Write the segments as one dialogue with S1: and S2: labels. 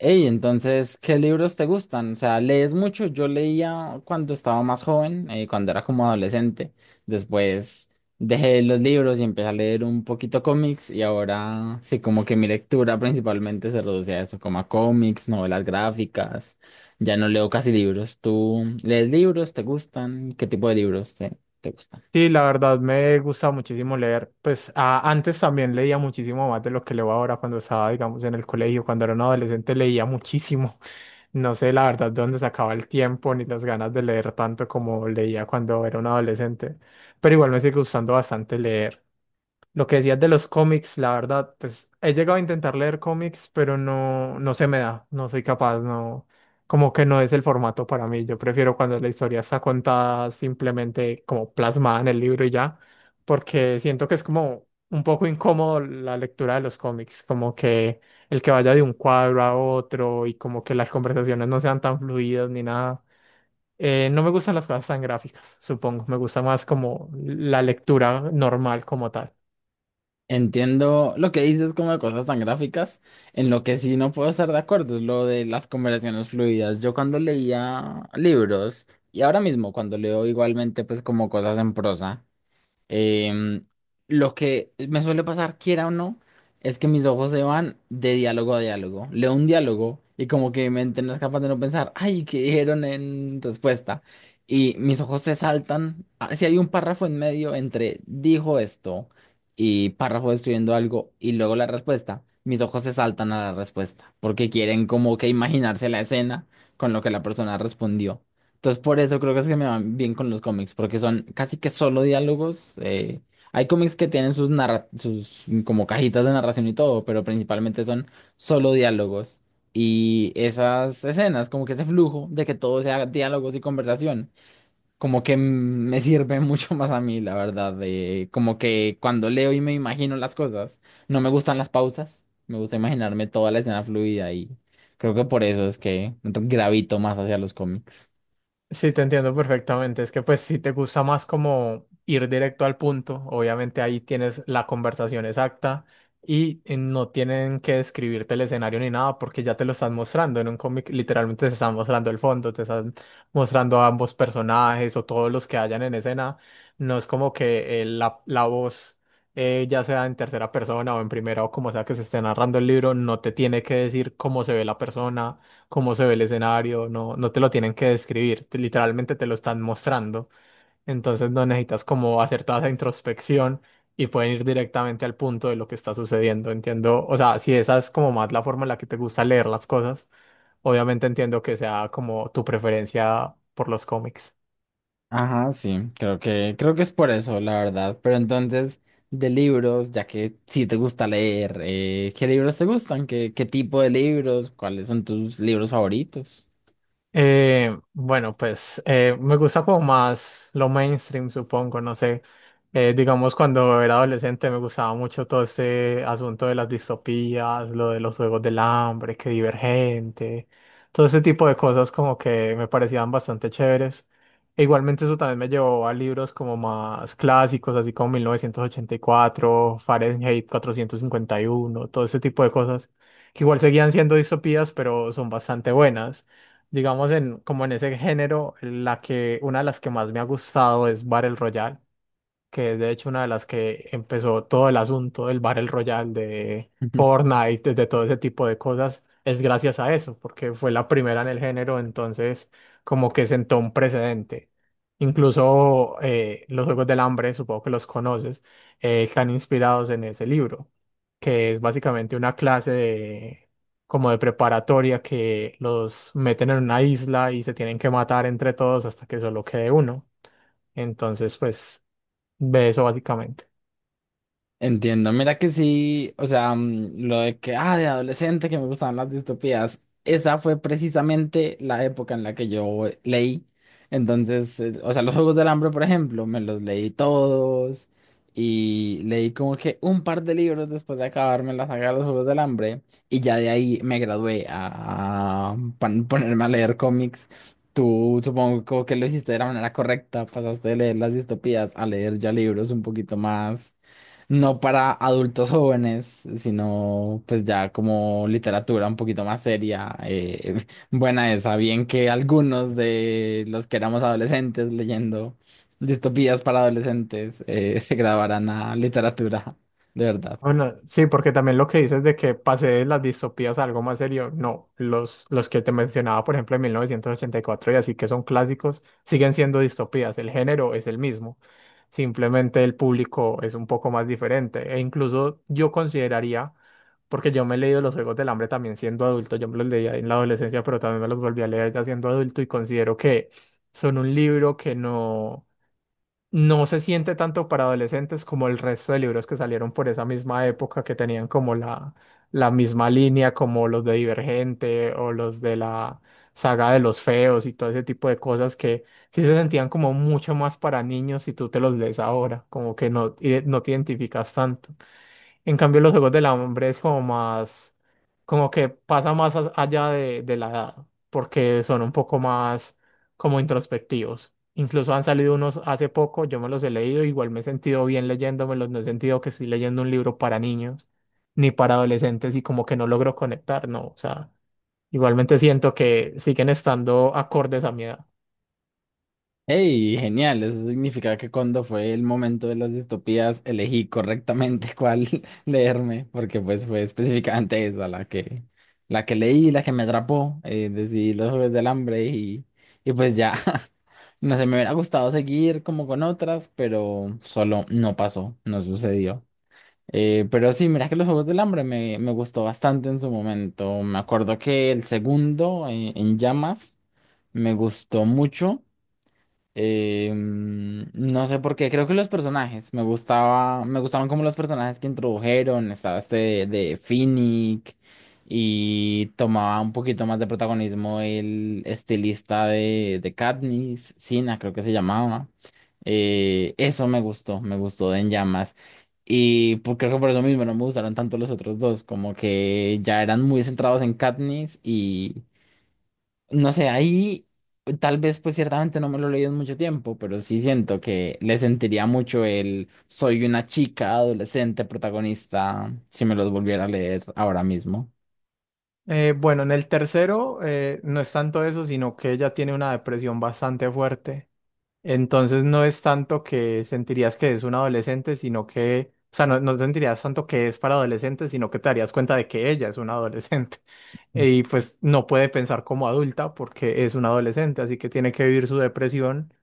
S1: Ey, entonces, ¿qué libros te gustan? O sea, ¿lees mucho? Yo leía cuando estaba más joven, cuando era como adolescente. Después dejé los libros y empecé a leer un poquito cómics y ahora sí, como que mi lectura principalmente se reduce a eso, como a cómics, novelas gráficas. Ya no leo casi libros. ¿Tú lees libros? ¿Te gustan? ¿Qué tipo de libros te gustan?
S2: Sí, la verdad me gusta muchísimo leer. Pues antes también leía muchísimo más de lo que leo ahora cuando estaba, digamos, en el colegio. Cuando era un adolescente leía muchísimo. No sé la verdad de dónde sacaba el tiempo ni las ganas de leer tanto como leía cuando era un adolescente. Pero igual me sigue gustando bastante leer. Lo que decías de los cómics, la verdad, pues he llegado a intentar leer cómics, pero no, no se me da, no soy capaz, no, como que no es el formato para mí. Yo prefiero cuando la historia está contada simplemente como plasmada en el libro y ya, porque siento que es como un poco incómodo la lectura de los cómics, como que el que vaya de un cuadro a otro y como que las conversaciones no sean tan fluidas ni nada. No me gustan las cosas tan gráficas, supongo, me gusta más como la lectura normal como tal.
S1: Entiendo lo que dices como de cosas tan gráficas. En lo que sí no puedo estar de acuerdo es lo de las conversaciones fluidas. Yo cuando leía libros y ahora mismo cuando leo igualmente pues como cosas en prosa. Em, lo que me suele pasar, quiera o no, es que mis ojos se van de diálogo a diálogo. Leo un diálogo y como que mi mente no es capaz de no pensar, ay, ¿qué dijeron en respuesta? Y mis ojos se saltan. Ah, si hay un párrafo en medio entre dijo esto y párrafo describiendo algo y luego la respuesta, mis ojos se saltan a la respuesta porque quieren como que imaginarse la escena con lo que la persona respondió. Entonces, por eso creo que es que me van bien con los cómics, porque son casi que solo diálogos. Hay cómics que tienen sus como cajitas de narración y todo, pero principalmente son solo diálogos. Y esas escenas, como que ese flujo de que todo sea diálogos y conversación, como que mm, me sirve mucho más a mí, la verdad. De, como que cuando leo y me imagino las cosas, no me gustan las pausas, me gusta imaginarme toda la escena fluida y creo que por eso es que gravito más hacia los cómics.
S2: Sí, te entiendo perfectamente. Es que pues si te gusta más como ir directo al punto, obviamente ahí tienes la conversación exacta y no tienen que describirte el escenario ni nada porque ya te lo están mostrando. En un cómic literalmente te están mostrando el fondo, te están mostrando a ambos personajes o todos los que hayan en escena. No es como que la voz, ya sea en tercera persona o en primera o como sea que se esté narrando el libro, no te tiene que decir cómo se ve la persona cómo se ve el escenario, no, no te lo tienen que describir, literalmente te lo están mostrando, entonces no necesitas como hacer toda esa introspección y pueden ir directamente al punto de lo que está sucediendo, entiendo, o sea, si esa es como más la forma en la que te gusta leer las cosas, obviamente entiendo que sea como tu preferencia por los cómics.
S1: Ajá, sí, creo que es por eso, la verdad. Pero entonces, de libros, ya que sí te gusta leer, ¿qué libros te gustan? ¿Qué tipo de libros? ¿Cuáles son tus libros favoritos?
S2: Bueno, pues me gusta como más lo mainstream, supongo, no sé. Digamos, cuando era adolescente me gustaba mucho todo ese asunto de las distopías, lo de los Juegos del Hambre, que Divergente, todo ese tipo de cosas como que me parecían bastante chéveres. E igualmente eso también me llevó a libros como más clásicos, así como 1984, Fahrenheit 451, todo ese tipo de cosas, que igual seguían siendo distopías, pero son bastante buenas. Digamos, en, como en ese género, la que, una de las que más me ha gustado es Battle Royale, que es de hecho una de las que empezó todo el asunto del Battle Royale, de Fortnite, de todo ese tipo de cosas, es gracias a eso, porque fue la primera en el género, entonces como que sentó un precedente. Incluso los Juegos del Hambre, supongo que los conoces, están inspirados en ese libro, que es básicamente una clase de, como de preparatoria, que los meten en una isla y se tienen que matar entre todos hasta que solo quede uno. Entonces, pues... ve eso básicamente.
S1: Entiendo, mira que sí, o sea, mm, lo de que, ah, de adolescente que me gustaban las distopías, esa fue precisamente la época en la que yo leí. Entonces, o sea, los Juegos del Hambre, por ejemplo, me los leí todos y leí como que un par de libros después de acabarme la saga de los Juegos del Hambre y ya de ahí me gradué a ponerme a leer cómics. Tú supongo como que lo hiciste de la manera correcta, pasaste de leer las distopías a leer ya libros un poquito más no para adultos jóvenes, sino pues ya como literatura un poquito más seria, buena esa, bien que algunos de los que éramos adolescentes leyendo distopías para adolescentes se grabaran a literatura, de verdad.
S2: Bueno, sí, porque también lo que dices de que pasé de las distopías a algo más serio, no, los que te mencionaba, por ejemplo, en 1984 y así, que son clásicos, siguen siendo distopías, el género es el mismo, simplemente el público es un poco más diferente e incluso yo consideraría, porque yo me he leído los Juegos del Hambre también siendo adulto, yo me los leía en la adolescencia, pero también me los volví a leer ya siendo adulto y considero que son un libro que no... no se siente tanto para adolescentes como el resto de libros que salieron por esa misma época que tenían como la misma línea, como los de Divergente o los de la saga de los feos y todo ese tipo de cosas que sí se sentían como mucho más para niños si tú te los lees ahora, como que no, no te identificas tanto. En cambio, los Juegos del Hambre es como más, como que pasa más allá de la edad, porque son un poco más como introspectivos. Incluso han salido unos hace poco, yo me los he leído, igual me he sentido bien leyéndomelos, no he sentido que estoy leyendo un libro para niños ni para adolescentes y como que no logro conectar, no, o sea, igualmente siento que siguen estando acordes a mi edad.
S1: Hey, genial. Eso significa que cuando fue el momento de las distopías elegí correctamente cuál leerme, porque pues fue específicamente esa la que leí, la que me atrapó. Decidí los Juegos del Hambre y pues ya. No sé, me hubiera gustado seguir como con otras, pero solo no pasó, no sucedió. Pero sí, mira que los Juegos del Hambre me gustó bastante en su momento. Me acuerdo que el segundo, En Llamas, me gustó mucho. No sé por qué, creo que los personajes, me gustaban como los personajes que introdujeron, estaba este de Finnick y tomaba un poquito más de protagonismo el estilista de Katniss, Sina creo que se llamaba. Eso me gustó de En Llamas. Y creo que por eso mismo no me gustaron tanto los otros dos, como que ya eran muy centrados en Katniss, no sé, ahí tal vez pues ciertamente no me lo he leído en mucho tiempo, pero sí siento que le sentiría mucho el soy una chica adolescente protagonista si me los volviera a leer ahora mismo.
S2: Bueno, en el tercero no es tanto eso, sino que ella tiene una depresión bastante fuerte. Entonces no es tanto que sentirías que es un adolescente, sino que, o sea, no, no sentirías tanto que es para adolescentes, sino que te darías cuenta de que ella es una adolescente. Y pues no puede pensar como adulta porque es una adolescente, así que tiene que vivir su depresión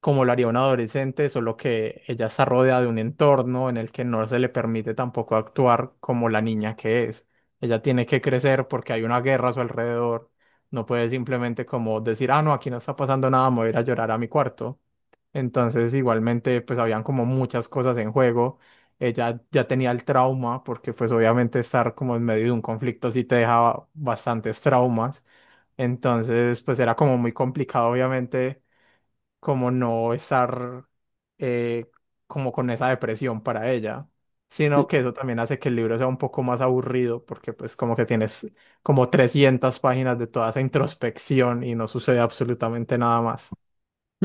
S2: como lo haría un adolescente, solo que ella está rodeada de un entorno en el que no se le permite tampoco actuar como la niña que es. Ella tiene que crecer porque hay una guerra a su alrededor. No puede simplemente como decir, ah, no, aquí no está pasando nada, me voy a ir a llorar a mi cuarto, entonces, igualmente, pues habían como muchas cosas en juego. Ella ya tenía el trauma, porque pues obviamente estar como en medio de un conflicto sí te dejaba bastantes traumas. Entonces, pues era como muy complicado, obviamente, como no estar eh, como con esa depresión para ella. Sino que eso también hace que el libro sea un poco más aburrido, porque pues como que tienes como 300 páginas de toda esa introspección y no sucede absolutamente nada más.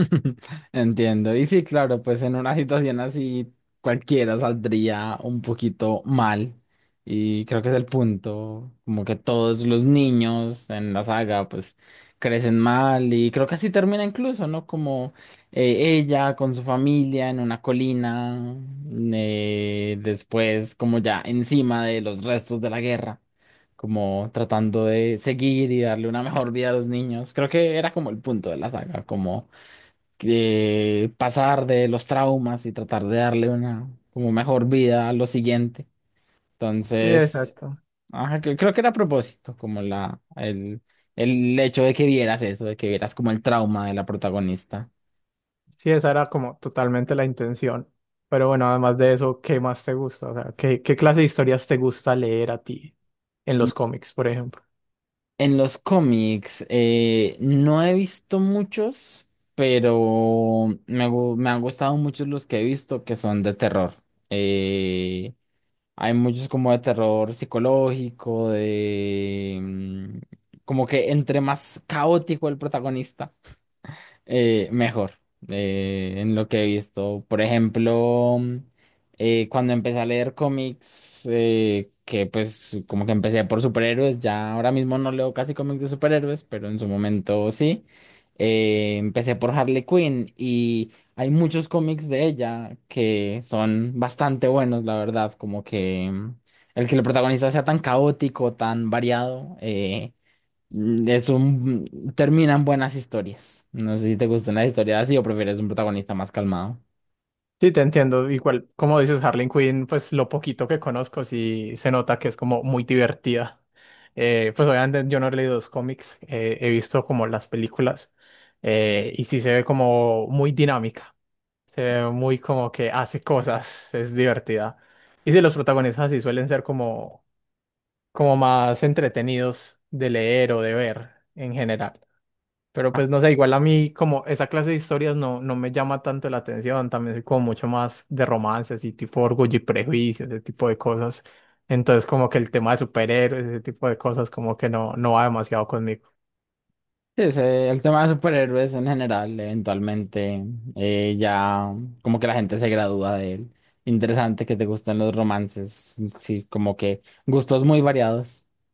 S1: Entiendo. Y sí, claro, pues en una situación así cualquiera saldría un poquito mal. Y creo que es el punto, como que todos los niños en la saga pues crecen mal y creo que así termina incluso, ¿no? Como ella con su familia en una colina, después como ya encima de los restos de la guerra, como tratando de seguir y darle una mejor vida a los niños. Creo que era como el punto de la saga, como pasar de los traumas y tratar de darle una como mejor vida a lo siguiente.
S2: Sí,
S1: Entonces,
S2: exacto.
S1: ajá, creo que era a propósito, como el hecho de que vieras eso, de que vieras como el trauma de la protagonista.
S2: Sí, esa era como totalmente la intención. Pero bueno, además de eso, ¿qué más te gusta? O sea, ¿qué clase de historias te gusta leer a ti en los cómics, por ejemplo?
S1: En los cómics, no he visto muchos, pero me han gustado muchos los que he visto que son de terror. Eh, Hay muchos como de terror psicológico, de... como que entre más caótico el protagonista, mejor, en lo que he visto. Por ejemplo, cuando empecé a leer cómics, que pues como que empecé por superhéroes, ya ahora mismo no leo casi cómics de superhéroes, pero en su momento sí. Empecé por Harley Quinn y hay muchos cómics de ella que son bastante buenos, la verdad, el que el protagonista sea tan caótico, tan variado. Es un... Terminan buenas historias. No sé si te gustan las historias así o prefieres un protagonista más calmado.
S2: Sí, te entiendo. Igual, como dices, Harley Quinn, pues lo poquito que conozco, sí se nota que es como muy divertida. Pues obviamente yo no he leído los cómics, he visto como las películas y sí se ve como muy dinámica, se ve muy como que hace cosas, es divertida. Y sí, los protagonistas sí suelen ser como más entretenidos de leer o de ver en general. Pero pues no sé, igual a mí como esa clase de historias no, no me llama tanto la atención, también soy como mucho más de romances y tipo Orgullo y Prejuicio, ese tipo de cosas. Entonces como que el tema de superhéroes, ese tipo de cosas como que no, no va demasiado conmigo.
S1: Sí, sí, el tema de superhéroes en general, eventualmente ya como que la gente se gradúa de él. Interesante que te gustan los romances, sí, como que gustos muy variados.